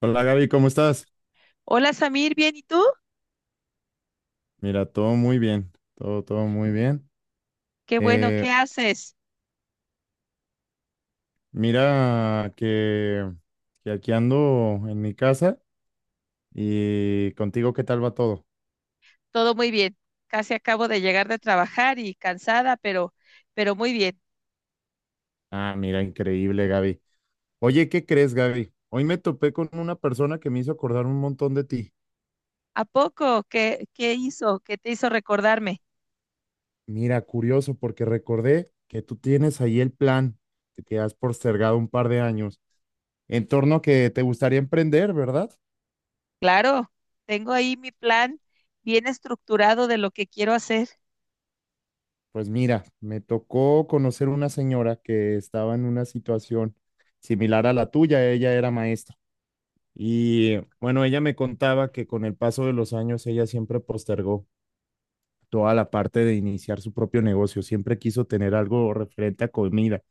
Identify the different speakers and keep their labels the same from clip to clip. Speaker 1: Hola Gaby, ¿cómo estás?
Speaker 2: Hola Samir, ¿bien y tú?
Speaker 1: Mira, todo muy bien, todo, todo muy bien.
Speaker 2: Qué bueno, ¿qué
Speaker 1: Eh,
Speaker 2: haces?
Speaker 1: mira que, que aquí ando en mi casa y contigo, ¿qué tal va todo?
Speaker 2: Todo muy bien. Casi acabo de llegar de trabajar y cansada, pero muy bien.
Speaker 1: Ah, mira, increíble Gaby. Oye, ¿qué crees Gaby? Hoy me topé con una persona que me hizo acordar un montón de ti.
Speaker 2: ¿A poco? ¿¿Qué hizo? ¿Qué te hizo recordarme?
Speaker 1: Mira, curioso, porque recordé que tú tienes ahí el plan que has postergado un par de años en torno a que te gustaría emprender, ¿verdad?
Speaker 2: Claro, tengo ahí mi plan bien estructurado de lo que quiero hacer.
Speaker 1: Pues mira, me tocó conocer una señora que estaba en una situación similar a la tuya, ella era maestra. Y bueno, ella me contaba que con el paso de los años ella siempre postergó toda la parte de iniciar su propio negocio, siempre quiso tener algo referente a comida.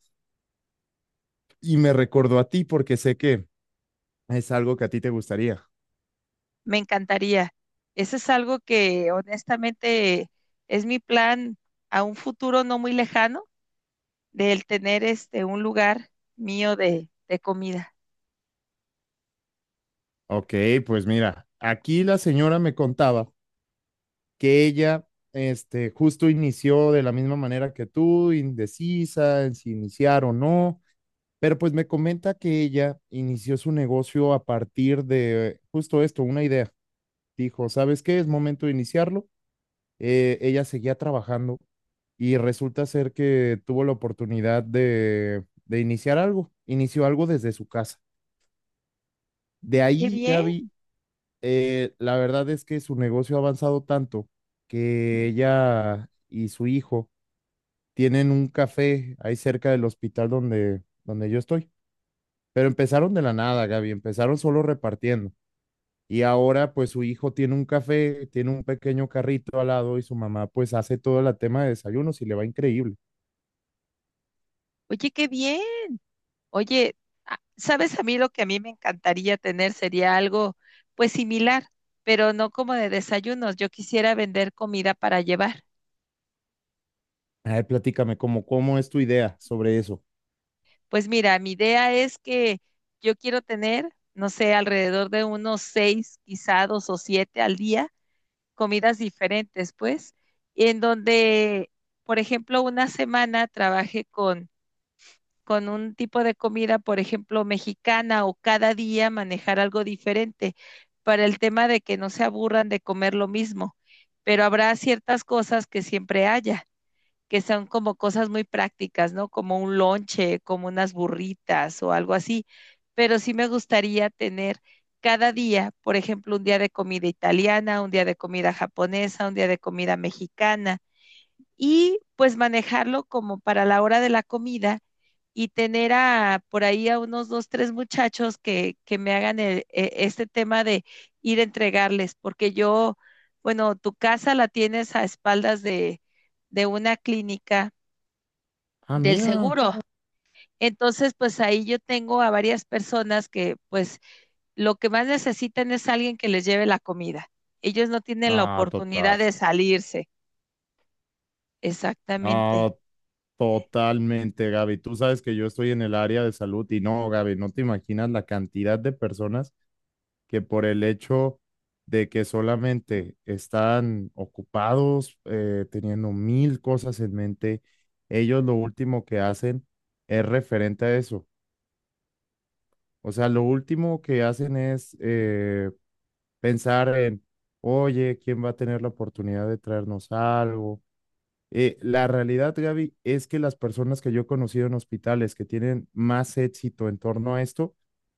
Speaker 1: Y me recordó a ti porque sé que es algo que a ti te gustaría.
Speaker 2: Me encantaría. Ese es algo que honestamente es mi plan a un futuro no muy lejano del tener este un lugar mío de comida.
Speaker 1: Ok, pues mira, aquí la señora me contaba que ella justo inició de la misma manera que tú, indecisa en si iniciar o no, pero pues me comenta que ella inició su negocio a partir de justo esto, una idea. Dijo, ¿sabes qué? Es momento de iniciarlo. Ella seguía trabajando y resulta ser que tuvo la oportunidad de iniciar algo, inició algo desde su casa. De
Speaker 2: Qué
Speaker 1: ahí,
Speaker 2: bien.
Speaker 1: Gaby, la verdad es que su negocio ha avanzado tanto que ella y su hijo tienen un café ahí cerca del hospital donde yo estoy. Pero empezaron de la nada, Gaby, empezaron solo repartiendo. Y ahora pues su hijo tiene un café, tiene un pequeño carrito al lado y su mamá pues hace todo el tema de desayunos y le va increíble.
Speaker 2: Oye, qué bien. Oye, ¿sabes? A mí lo que a mí me encantaría tener sería algo pues similar, pero no como de desayunos. Yo quisiera vender comida para llevar.
Speaker 1: Ay, platícame, ¿cómo es tu idea sobre eso?
Speaker 2: Pues mira, mi idea es que yo quiero tener, no sé, alrededor de unos seis, quizá dos o siete al día, comidas diferentes, pues, en donde, por ejemplo, una semana trabajé con un tipo de comida, por ejemplo, mexicana, o cada día manejar algo diferente para el tema de que no se aburran de comer lo mismo. Pero habrá ciertas cosas que siempre haya, que son como cosas muy prácticas, ¿no? Como un lonche, como unas burritas o algo así. Pero sí me gustaría tener cada día, por ejemplo, un día de comida italiana, un día de comida japonesa, un día de comida mexicana, y pues manejarlo como para la hora de la comida, y tener a, por ahí a unos dos, tres muchachos que me hagan este tema de ir a entregarles, porque yo, bueno, tu casa la tienes a espaldas de una clínica
Speaker 1: Ah,
Speaker 2: del
Speaker 1: mira.
Speaker 2: seguro. Entonces, pues ahí yo tengo a varias personas que pues lo que más necesitan es alguien que les lleve la comida. Ellos no tienen la
Speaker 1: No, total.
Speaker 2: oportunidad de salirse. Exactamente.
Speaker 1: No, totalmente, Gaby. Tú sabes que yo estoy en el área de salud y no, Gaby, no te imaginas la cantidad de personas que por el hecho de que solamente están ocupados, teniendo mil cosas en mente, ellos lo último que hacen es referente a eso. O sea, lo último que hacen es pensar en, oye, ¿quién va a tener la oportunidad de traernos algo? La realidad, Gaby, es que las personas que yo he conocido en hospitales que tienen más éxito en torno a esto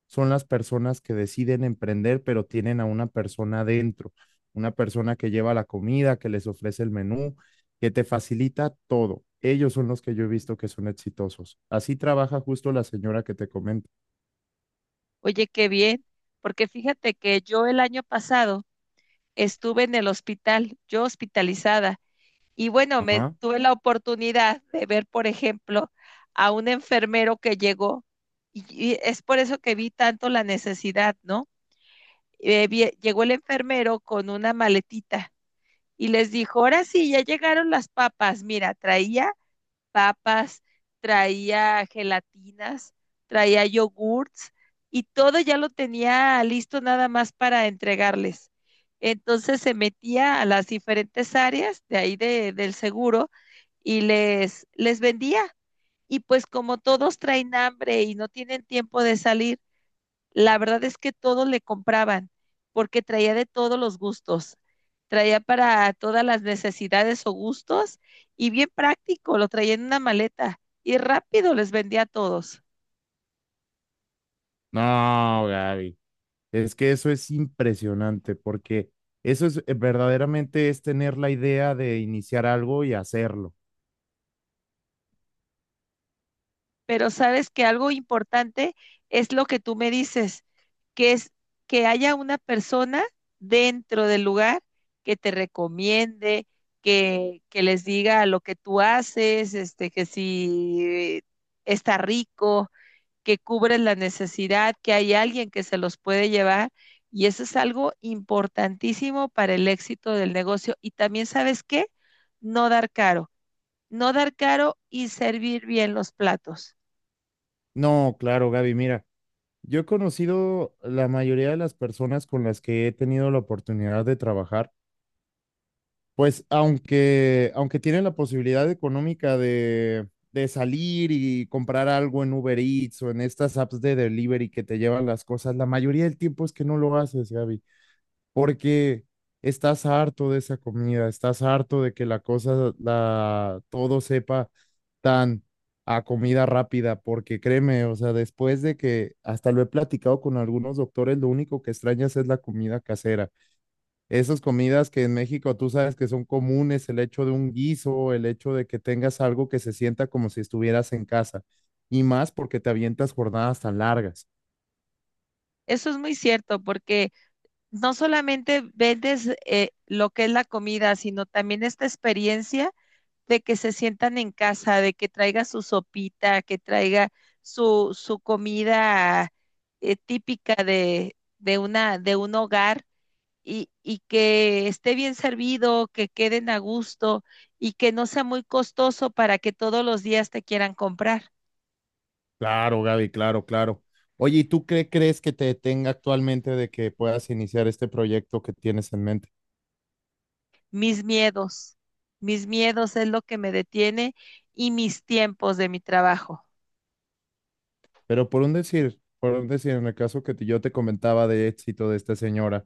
Speaker 1: son las personas que deciden emprender, pero tienen a una persona dentro, una persona que lleva la comida, que les ofrece el menú, que te facilita todo. Ellos son los que yo he visto que son exitosos. Así trabaja justo la señora que te comento.
Speaker 2: Oye, qué bien, porque fíjate que yo el año pasado estuve en el hospital, yo hospitalizada, y bueno, me
Speaker 1: Ajá.
Speaker 2: tuve la oportunidad de ver, por ejemplo, a un enfermero que llegó, y es por eso que vi tanto la necesidad, ¿no? Llegó el enfermero con una maletita y les dijo, ahora sí, ya llegaron las papas, mira, traía papas, traía gelatinas, traía yogurts, y todo ya lo tenía listo nada más para entregarles. Entonces se metía a las diferentes áreas de ahí de, del seguro y les vendía. Y pues como todos traen hambre y no tienen tiempo de salir, la verdad es que todos le compraban porque traía de todos los gustos, traía para todas las necesidades o gustos, y bien práctico, lo traía en una maleta y rápido les vendía a todos.
Speaker 1: No, Gaby. Es que eso es impresionante porque eso es verdaderamente es tener la idea de iniciar algo y hacerlo.
Speaker 2: Pero sabes que algo importante es lo que tú me dices, que es que haya una persona dentro del lugar que te recomiende, que les diga lo que tú haces, este, que si está rico, que cubres la necesidad, que hay alguien que se los puede llevar. Y eso es algo importantísimo para el éxito del negocio. Y también, ¿sabes qué? No dar caro, no dar caro y servir bien los platos.
Speaker 1: No, claro, Gaby, mira, yo he conocido la mayoría de las personas con las que he tenido la oportunidad de trabajar, pues aunque tienen la posibilidad económica de salir y comprar algo en Uber Eats o en estas apps de delivery que te llevan las cosas, la mayoría del tiempo es que no lo haces, Gaby, porque estás harto de esa comida, estás harto de que la cosa, la, todo sepa tan a comida rápida, porque créeme, o sea, después de que hasta lo he platicado con algunos doctores, lo único que extrañas es la comida casera. Esas comidas que en México tú sabes que son comunes, el hecho de un guiso, el hecho de que tengas algo que se sienta como si estuvieras en casa, y más porque te avientas jornadas tan largas.
Speaker 2: Eso es muy cierto porque no solamente vendes lo que es la comida, sino también esta experiencia de que se sientan en casa, de que traiga su sopita, que traiga su comida típica de un hogar, y que esté bien servido, que queden a gusto y que no sea muy costoso para que todos los días te quieran comprar.
Speaker 1: Claro, Gaby, claro, claro. Oye, ¿y tú qué crees que te detenga actualmente de que puedas iniciar este proyecto que tienes en mente?
Speaker 2: Mis miedos, mis miedos es lo que me detiene y mis tiempos de mi trabajo.
Speaker 1: Pero por un decir, en el caso yo te comentaba de éxito de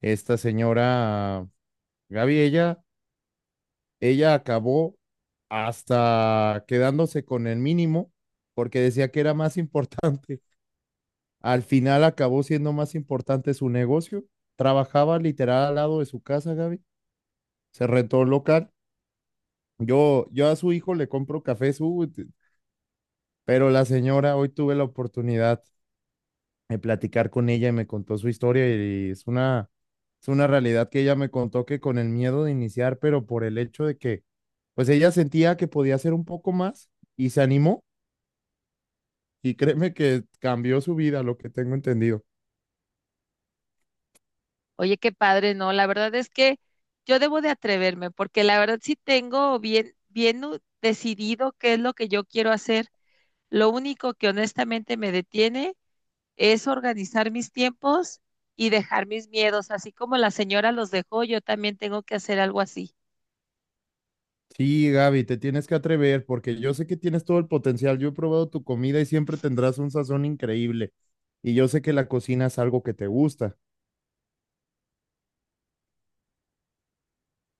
Speaker 1: esta señora, Gaby, ella acabó hasta quedándose con el mínimo porque decía que era más importante. Al final acabó siendo más importante su negocio. Trabajaba literal al lado de su casa, Gaby. Se rentó un local. Yo a su hijo le compro café, pero la señora, hoy tuve la oportunidad de platicar con ella y me contó su historia y es una realidad que ella me contó que con el miedo de iniciar, pero por el hecho de que, pues ella sentía que podía hacer un poco más y se animó y créeme que cambió su vida, lo que tengo entendido.
Speaker 2: Oye, qué padre, no, la verdad es que yo debo de atreverme, porque la verdad sí tengo bien, decidido qué es lo que yo quiero hacer. Lo único que honestamente me detiene es organizar mis tiempos y dejar mis miedos, así como la señora los dejó, yo también tengo que hacer algo así.
Speaker 1: Sí, Gaby, te tienes que atrever porque yo sé que tienes todo el potencial. Yo he probado tu comida y siempre tendrás un sazón increíble. Y yo sé que la cocina es algo que te gusta.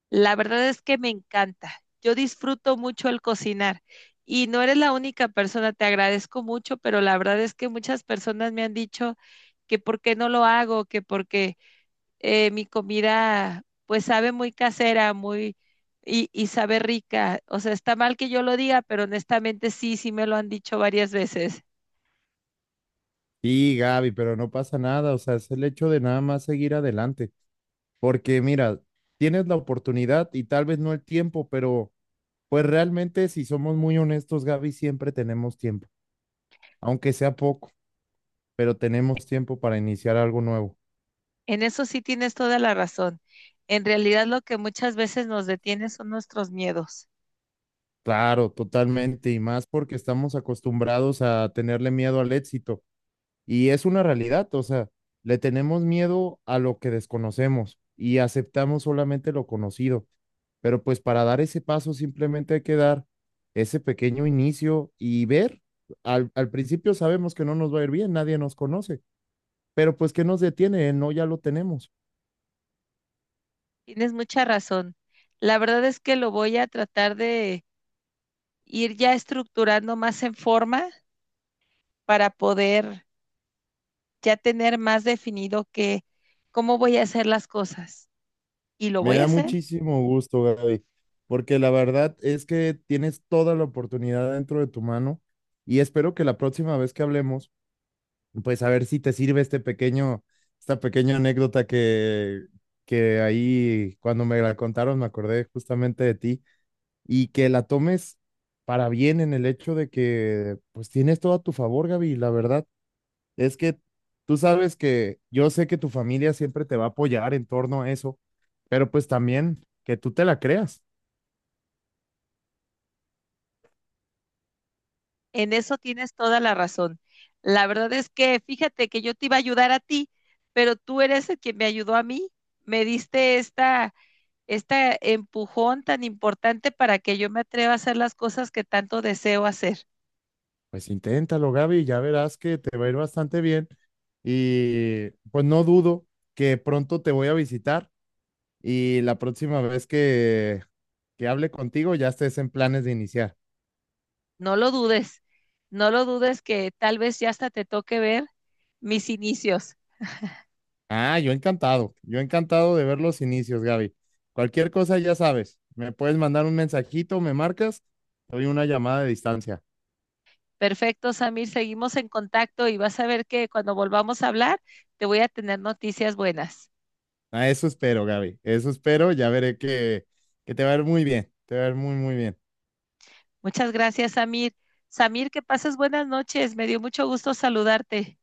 Speaker 2: La verdad es que me encanta, yo disfruto mucho el cocinar, y no eres la única persona, te agradezco mucho, pero la verdad es que muchas personas me han dicho que por qué no lo hago, que porque mi comida pues sabe muy casera, muy y sabe rica. O sea, está mal que yo lo diga, pero honestamente sí, sí me lo han dicho varias veces.
Speaker 1: Sí, Gaby, pero no pasa nada, o sea, es el hecho de nada más seguir adelante, porque mira, tienes la oportunidad y tal vez no el tiempo, pero pues realmente si somos muy honestos, Gaby, siempre tenemos tiempo, aunque sea poco, pero tenemos tiempo para iniciar algo nuevo.
Speaker 2: En eso sí tienes toda la razón. En realidad lo que muchas veces nos detiene son nuestros miedos.
Speaker 1: Claro, totalmente, y más porque estamos acostumbrados a tenerle miedo al éxito, y es una realidad, o sea, le tenemos miedo a lo que desconocemos y aceptamos solamente lo conocido. Pero pues para dar ese paso simplemente hay que dar ese pequeño inicio y ver. Al principio sabemos que no nos va a ir bien, nadie nos conoce, pero pues ¿qué nos detiene? El No, ya lo tenemos.
Speaker 2: Tienes mucha razón. La verdad es que lo voy a tratar de ir ya estructurando más en forma para poder ya tener más definido que cómo voy a hacer las cosas. Y lo
Speaker 1: Me
Speaker 2: voy a
Speaker 1: da
Speaker 2: hacer.
Speaker 1: muchísimo gusto, Gaby, porque la verdad es que tienes toda la oportunidad dentro de tu mano y espero que la próxima vez que hablemos, pues a ver si te sirve este pequeño, esta pequeña anécdota que ahí cuando me la contaron me acordé justamente de ti y que la tomes para bien en el hecho de que pues tienes todo a tu favor, Gaby. La verdad es que tú sabes que yo sé que tu familia siempre te va a apoyar en torno a eso, pero pues también que tú te la creas.
Speaker 2: En eso tienes toda la razón. La verdad es que fíjate que yo te iba a ayudar a ti, pero tú eres el que me ayudó a mí. Me diste esta empujón tan importante para que yo me atreva a hacer las cosas que tanto deseo hacer.
Speaker 1: Pues inténtalo, Gaby, ya verás que te va a ir bastante bien y pues no dudo que pronto te voy a visitar y la próxima vez que hable contigo ya estés en planes de iniciar.
Speaker 2: No lo dudes, no lo dudes que tal vez ya hasta te toque ver mis inicios.
Speaker 1: Ah, yo encantado de ver los inicios, Gaby. Cualquier cosa ya sabes, me puedes mandar un mensajito, me marcas, te doy una llamada de distancia.
Speaker 2: Perfecto, Samir, seguimos en contacto y vas a ver que cuando volvamos a hablar te voy a tener noticias buenas.
Speaker 1: A eso espero, Gaby, eso espero, ya veré que te va a ir muy bien, te va a ir muy, muy bien.
Speaker 2: Muchas gracias, Samir. Samir, que pases buenas noches. Me dio mucho gusto saludarte.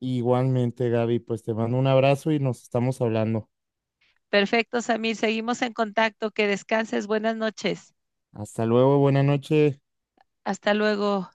Speaker 1: Igualmente, Gaby, pues te mando un abrazo y nos estamos hablando.
Speaker 2: Perfecto, Samir. Seguimos en contacto. Que descanses. Buenas noches.
Speaker 1: Hasta luego, buena noche.
Speaker 2: Hasta luego.